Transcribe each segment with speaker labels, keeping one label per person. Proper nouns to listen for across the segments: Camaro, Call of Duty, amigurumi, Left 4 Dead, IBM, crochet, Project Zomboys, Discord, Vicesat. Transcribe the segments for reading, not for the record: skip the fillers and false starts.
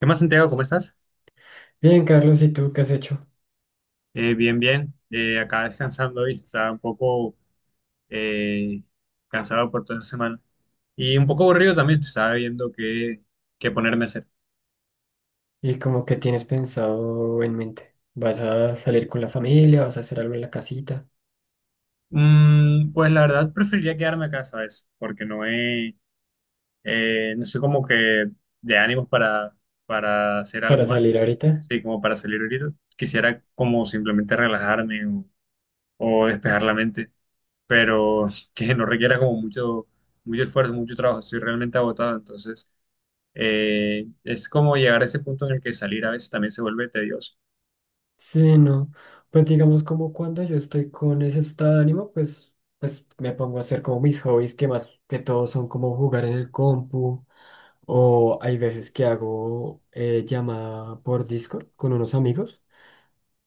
Speaker 1: ¿Qué más, Santiago? ¿Cómo estás?
Speaker 2: Bien, Carlos, ¿y tú qué has hecho?
Speaker 1: Bien, bien. Acá descansando hoy. Estaba un poco eh, cansado por toda esta semana. Y un poco aburrido también. Estaba viendo qué ponerme a hacer.
Speaker 2: ¿Y como que tienes pensado en mente? ¿Vas a salir con la familia? ¿Vas a hacer algo en la casita?
Speaker 1: Mm, pues la verdad preferiría quedarme acá, ¿sabes? Porque no sé, como que de para hacer
Speaker 2: ¿Para
Speaker 1: algo más.
Speaker 2: salir ahorita?
Speaker 1: Sí, como para salir ahorita. Quisiera como simplemente o despejar la mente, pero que no requiera mucho esfuerzo, mucho trabajo. Estoy realmente agotado, entonces es como llegar a ese punto en el que salir a veces también se vuelve tedioso.
Speaker 2: Sí, no. Pues digamos como cuando yo estoy con ese estado de ánimo, pues, pues me pongo a hacer como mis hobbies, que más que todo son como jugar en el compu, o hay veces que hago llamada por Discord con unos amigos,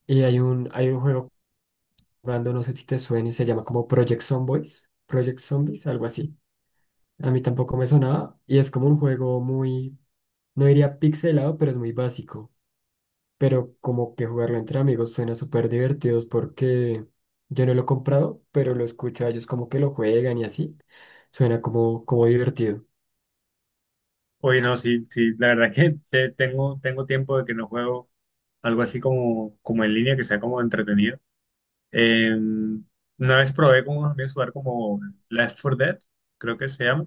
Speaker 2: y hay un juego jugando. No sé si te suene, se llama como Project Zomboys, Project Zombies, algo así. A mí tampoco me sonaba, y es como un juego muy, no diría pixelado, pero es muy básico. Pero como que jugarlo entre amigos suena súper divertido, porque yo no lo he comprado, pero lo escucho a ellos como que lo juegan y así. Suena como, como divertido.
Speaker 1: Oye, no, sí, sí, la verdad es que tengo, tengo tiempo de que no juego algo así como en línea, que sea como entretenido. Eh, una vez probé con unos amigos jugar como Left 4 Dead, creo que se llama,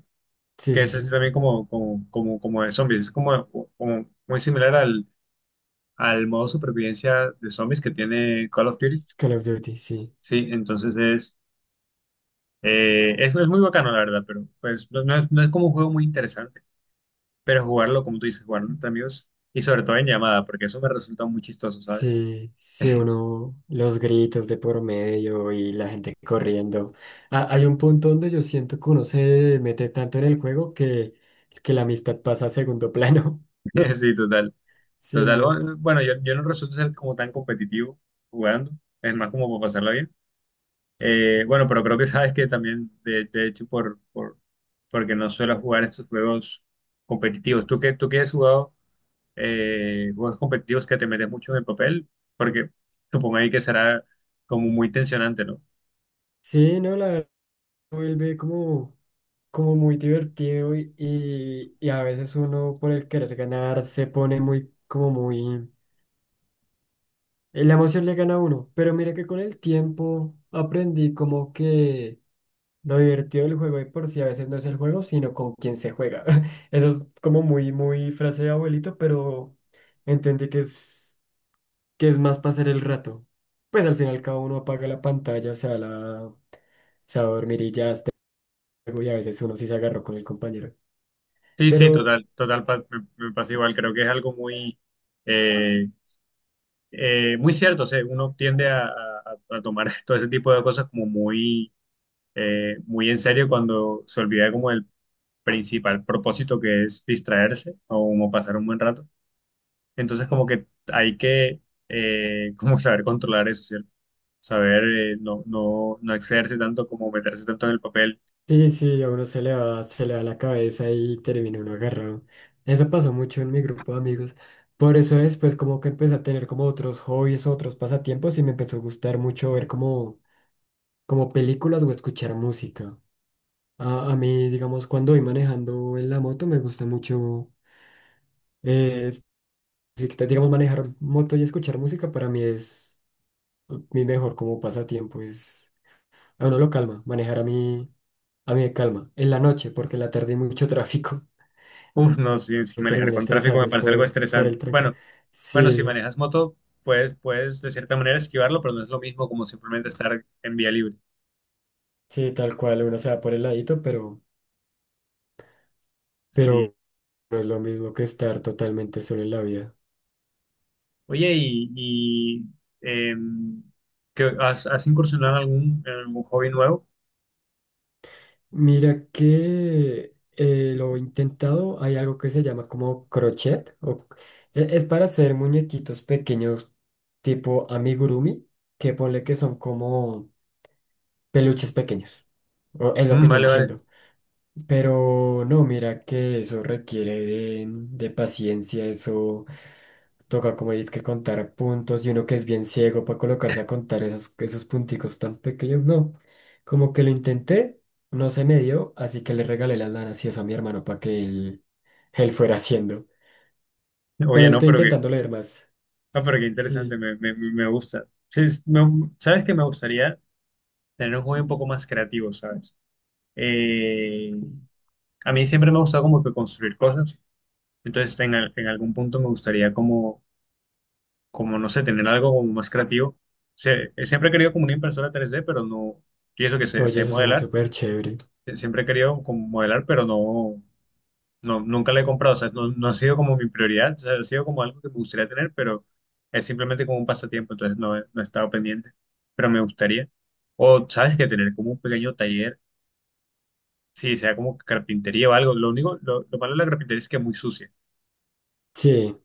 Speaker 2: Sí,
Speaker 1: que
Speaker 2: sí,
Speaker 1: es así
Speaker 2: sí.
Speaker 1: también como de zombies, es como muy similar al modo supervivencia de zombies que tiene Call of Duty.
Speaker 2: Call of Duty, sí.
Speaker 1: Sí, entonces es muy bacano, la verdad, pero pues no es, no es como un juego muy interesante, pero jugarlo, como tú dices, jugarlo entre amigos y sobre todo en llamada, porque eso me resulta muy chistoso, ¿sabes?
Speaker 2: Sí, sí, uno, los gritos de por medio y la gente corriendo. Ah, hay un punto donde yo siento que uno se mete tanto en el juego que la amistad pasa a segundo plano.
Speaker 1: Sí, total,
Speaker 2: Sí,
Speaker 1: total.
Speaker 2: no.
Speaker 1: Bueno, yo no resulto ser como tan competitivo jugando, es más como para pasarlo bien. Bueno, pero creo que sabes que también, de hecho, porque no suelo jugar estos juegos competitivos. ¿Tú qué has jugado? Juegos competitivos que te metes mucho en el papel, porque supongo ahí que será como muy tensionante, ¿no?
Speaker 2: Sí, no, la verdad vuelve como, como muy divertido y a veces uno por el querer ganar se pone muy, como muy... La emoción le gana a uno, pero mira que con el tiempo aprendí como que lo divertido del juego de por sí a veces no es el juego, sino con quien se juega. Eso es como muy, muy frase de abuelito, pero entendí que es más pasar el rato. Pues al final cada uno apaga la pantalla, se va a la... se va a dormir, y ya juego. Y a veces uno sí se agarró con el compañero.
Speaker 1: Sí, sí,
Speaker 2: Pero
Speaker 1: total, total, me pasa igual, creo que es algo muy, eh, muy cierto, o sea, uno tiende a tomar todo ese tipo de cosas como muy, muy en serio cuando se olvida como el principal propósito que es distraerse o como pasar un buen rato, entonces como que hay que como saber controlar eso, ¿cierto? Saber no excederse tanto como meterse tanto en el papel.
Speaker 2: sí, sí, a uno se le va la cabeza y termina uno agarrado. Eso pasó mucho en mi grupo de amigos. Por eso después como que empecé a tener como otros hobbies, otros pasatiempos, y me empezó a gustar mucho ver como, como películas o escuchar música. A mí, digamos, cuando voy manejando en la moto me gusta mucho. eh, si quita- digamos, manejar moto y escuchar música para mí es mi mejor como pasatiempo. Es, a uno lo calma, manejar a mí. A mí me calma. En la noche, porque en la tarde hay mucho tráfico.
Speaker 1: Uf, no, si, si
Speaker 2: Me
Speaker 1: manejar
Speaker 2: terminé
Speaker 1: con tráfico
Speaker 2: estresando
Speaker 1: me
Speaker 2: es
Speaker 1: parece algo
Speaker 2: por
Speaker 1: estresante.
Speaker 2: el trancón.
Speaker 1: Bueno, bueno, si
Speaker 2: Sí,
Speaker 1: manejas moto, pues puedes de cierta manera esquivarlo, pero no es lo mismo como simplemente estar en vía libre.
Speaker 2: sí, tal cual, uno se va por el ladito,
Speaker 1: Sí.
Speaker 2: pero no es lo mismo que estar totalmente solo en la vida.
Speaker 1: Oye, em, ¿qué... has, has incursionado en en algún hobby nuevo?
Speaker 2: Mira que lo he intentado, hay algo que se llama como crochet, o, e- es para hacer muñequitos pequeños tipo amigurumi, que ponle que son como peluches pequeños, o es lo
Speaker 1: Mm,
Speaker 2: que yo
Speaker 1: vale, vale.
Speaker 2: entiendo. Pero no, mira que eso requiere de paciencia. Eso toca como dices que contar puntos, y uno que es bien ciego para colocarse a contar esos punticos tan pequeños, no. Como que lo intenté, no se me dio, así que le regalé las lanas y eso a mi hermano para que él fuera haciendo.
Speaker 1: Oye,
Speaker 2: Pero
Speaker 1: no,
Speaker 2: estoy
Speaker 1: pero que,
Speaker 2: intentando leer más.
Speaker 1: no, pero qué
Speaker 2: Sí.
Speaker 1: interesante, me gusta. Sí, sabes que me gustaría tener un hobby un poco más creativo, ¿sabes? Eh, A mí siempre me ha gustado como que construir cosas, entonces en algún punto me gustaría no sé, tener algo como más creativo. Siempre he querido como una impresora 3D, pero no, y eso que sé,
Speaker 2: Oye,
Speaker 1: sé
Speaker 2: eso suena
Speaker 1: modelar.
Speaker 2: súper chévere.
Speaker 1: Siempre he querido como modelar, pero no, nunca la he comprado, o sea, no ha sido como mi prioridad, o sea, ha sido como algo que me gustaría tener, pero es simplemente como un pasatiempo, entonces no he estado pendiente, pero me gustaría. O, ¿sabes? Que Tener como un pequeño taller, sí, sea como carpintería o algo. Lo único, lo malo de la carpintería es que es muy sucia,
Speaker 2: Sí,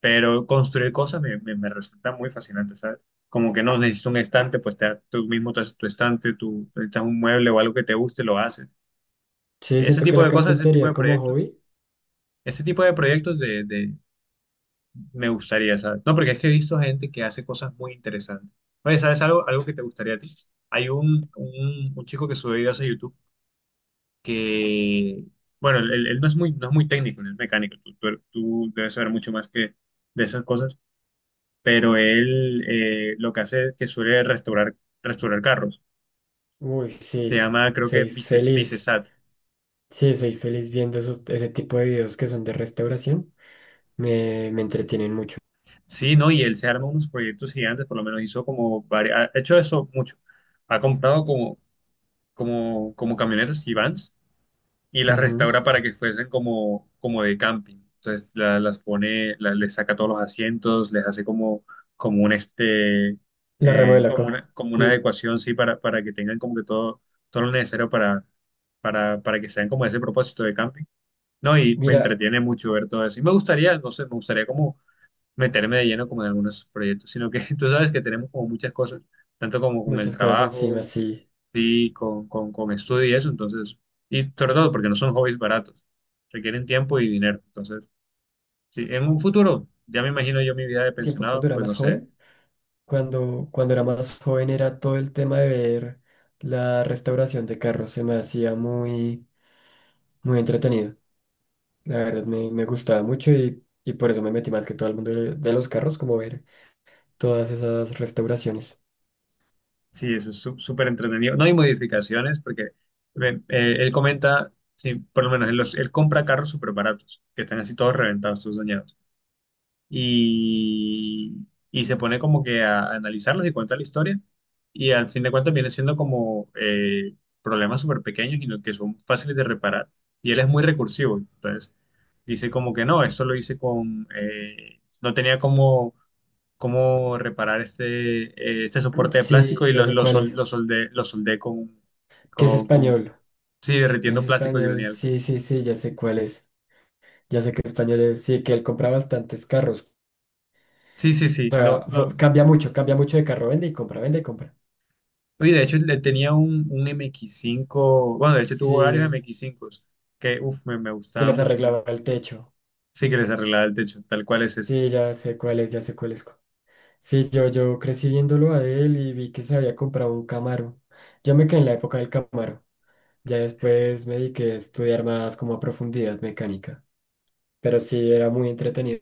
Speaker 1: pero construir cosas me resulta muy fascinante, ¿sabes? Como que no necesito un estante, pues tú mismo te haces tu estante, tú necesitas un mueble o algo que te guste, lo haces.
Speaker 2: sí,
Speaker 1: Ese
Speaker 2: siento que
Speaker 1: tipo
Speaker 2: la
Speaker 1: de cosas, ese tipo
Speaker 2: carpintería
Speaker 1: de
Speaker 2: como
Speaker 1: proyectos,
Speaker 2: hobby,
Speaker 1: ese tipo de me gustaría, ¿sabes? No, porque es que he visto gente que hace cosas muy interesantes. Oye, ¿sabes algo que te gustaría a ti? Hay un chico que sube videos a YouTube que, bueno, él no es muy, no es muy técnico, no es mecánico. Tú debes saber mucho más que de esas cosas, pero él lo que hace es que suele restaurar, restaurar carros.
Speaker 2: uy,
Speaker 1: Se
Speaker 2: sí,
Speaker 1: llama, creo que
Speaker 2: soy feliz.
Speaker 1: Vicesat.
Speaker 2: Sí, soy feliz viendo esos- ese tipo de videos que son de restauración. Me entretienen mucho.
Speaker 1: Sí, ¿no? Y él se arma unos proyectos gigantes, por lo menos hizo como varios, ha hecho eso mucho. Ha comprado como camionetas y vans y las
Speaker 2: Ujú.
Speaker 1: restaura para que fuesen como, como de camping. Entonces las pone, les saca todos los asientos, les hace como un este,
Speaker 2: La remodela coja.
Speaker 1: como una
Speaker 2: Sí,
Speaker 1: adecuación, sí, para que tengan como que todo, todo lo necesario para que sean como ese propósito de camping. No, y me
Speaker 2: mira,
Speaker 1: entretiene mucho ver todo eso. Y me gustaría, no sé, me gustaría como meterme de lleno como en algunos proyectos, sino que tú sabes que tenemos como muchas cosas, tanto como con el
Speaker 2: muchas cosas
Speaker 1: trabajo,
Speaker 2: encima, sí.
Speaker 1: sí, con estudio y eso, entonces, y sobre todo porque no son hobbies baratos, requieren tiempo y dinero. Entonces, sí, en un futuro, ya me imagino yo mi vida de
Speaker 2: Tiempos cuando
Speaker 1: pensionado,
Speaker 2: era
Speaker 1: pues no
Speaker 2: más
Speaker 1: sé.
Speaker 2: joven. Cuando era más joven era todo el tema de ver la restauración de carros. Se me hacía muy, muy entretenido. La verdad me gustaba mucho, y por eso me metí más que todo el mundo de los carros, como ver todas esas restauraciones.
Speaker 1: Sí, eso es súper entretenido. No hay modificaciones porque ven, él comenta, sí, por lo menos él, él compra carros súper baratos, que están así todos reventados, todos dañados, y, y se pone como que a analizarlos y cuenta la historia. Y al fin de cuentas viene siendo como problemas súper pequeños y que son fáciles de reparar. Y él es muy recursivo. Entonces dice como que no, esto lo hice con... no tenía cómo, cómo reparar este, este soporte de
Speaker 2: Sí,
Speaker 1: plástico y
Speaker 2: ya sé cuál es.
Speaker 1: lo soldé
Speaker 2: Que es
Speaker 1: con...
Speaker 2: español.
Speaker 1: Sí,
Speaker 2: Es
Speaker 1: derritiendo plástico y
Speaker 2: español,
Speaker 1: granel.
Speaker 2: sí, sí, sí, ya sé cuál es. Ya sé que español es, sí, que él compra bastantes carros.
Speaker 1: Sí, sí,
Speaker 2: O
Speaker 1: sí.
Speaker 2: sea,
Speaker 1: No,
Speaker 2: fa-
Speaker 1: no.
Speaker 2: cambia mucho de carro, vende y compra, vende y compra.
Speaker 1: Oye, de hecho, le tenía un M X cinco. Bueno, de hecho tuvo varios
Speaker 2: Sí,
Speaker 1: MX-5 que, uff, me
Speaker 2: que
Speaker 1: gustaba
Speaker 2: les
Speaker 1: mucho como,
Speaker 2: arreglaba el techo.
Speaker 1: sí, que les arreglaba el techo, tal cual es ese.
Speaker 2: Sí, ya sé cuál es, ya sé cuál es. Cu- Sí, yo crecí viéndolo a él y vi que se había comprado un Camaro. Yo me quedé en la época del Camaro. Ya después me dediqué a estudiar más como a profundidad mecánica. Pero sí, era muy entretenido.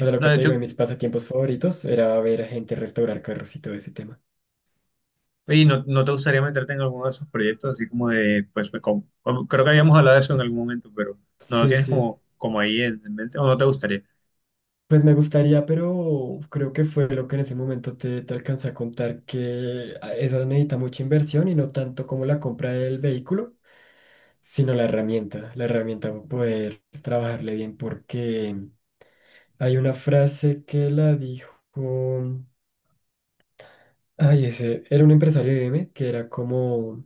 Speaker 2: O sea, lo
Speaker 1: no,
Speaker 2: que
Speaker 1: de
Speaker 2: te digo, de
Speaker 1: hecho,
Speaker 2: mis pasatiempos favoritos era ver a gente restaurar carros y todo ese tema.
Speaker 1: oye, no te gustaría meterte en alguno de esos proyectos así como de, pues, creo que habíamos hablado de eso en algún momento, pero no lo
Speaker 2: Sí,
Speaker 1: tienes
Speaker 2: sí.
Speaker 1: como ahí en mente, o no te gustaría?
Speaker 2: Pues me gustaría, pero creo que fue lo que en ese momento te alcancé a contar, que a- eso necesita mucha inversión, y no tanto como la compra del vehículo, sino la herramienta para poder trabajarle bien, porque hay una frase que la dijo, ay, ese, era un empresario de IBM que era como,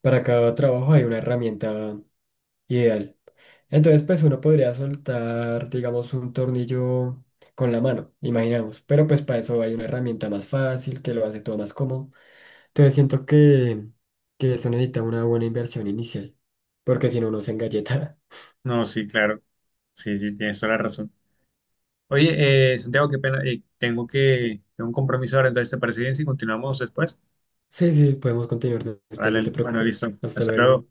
Speaker 2: para cada trabajo hay una herramienta ideal. Entonces, pues uno podría soltar, digamos, un tornillo con la mano, imaginamos. Pero pues para eso hay una herramienta más fácil que lo hace todo más cómodo. Entonces siento que eso necesita una buena inversión inicial, porque si no uno se engalleta.
Speaker 1: No, sí, claro, sí, sí, tienes toda la razón. Oye, Santiago, qué pena, tengo tengo un compromiso ahora, entonces, ¿te parece bien si continuamos después?
Speaker 2: Sí, sí, podemos continuar después, no te
Speaker 1: Vale, bueno,
Speaker 2: preocupes.
Speaker 1: listo,
Speaker 2: Hasta
Speaker 1: hasta luego.
Speaker 2: luego.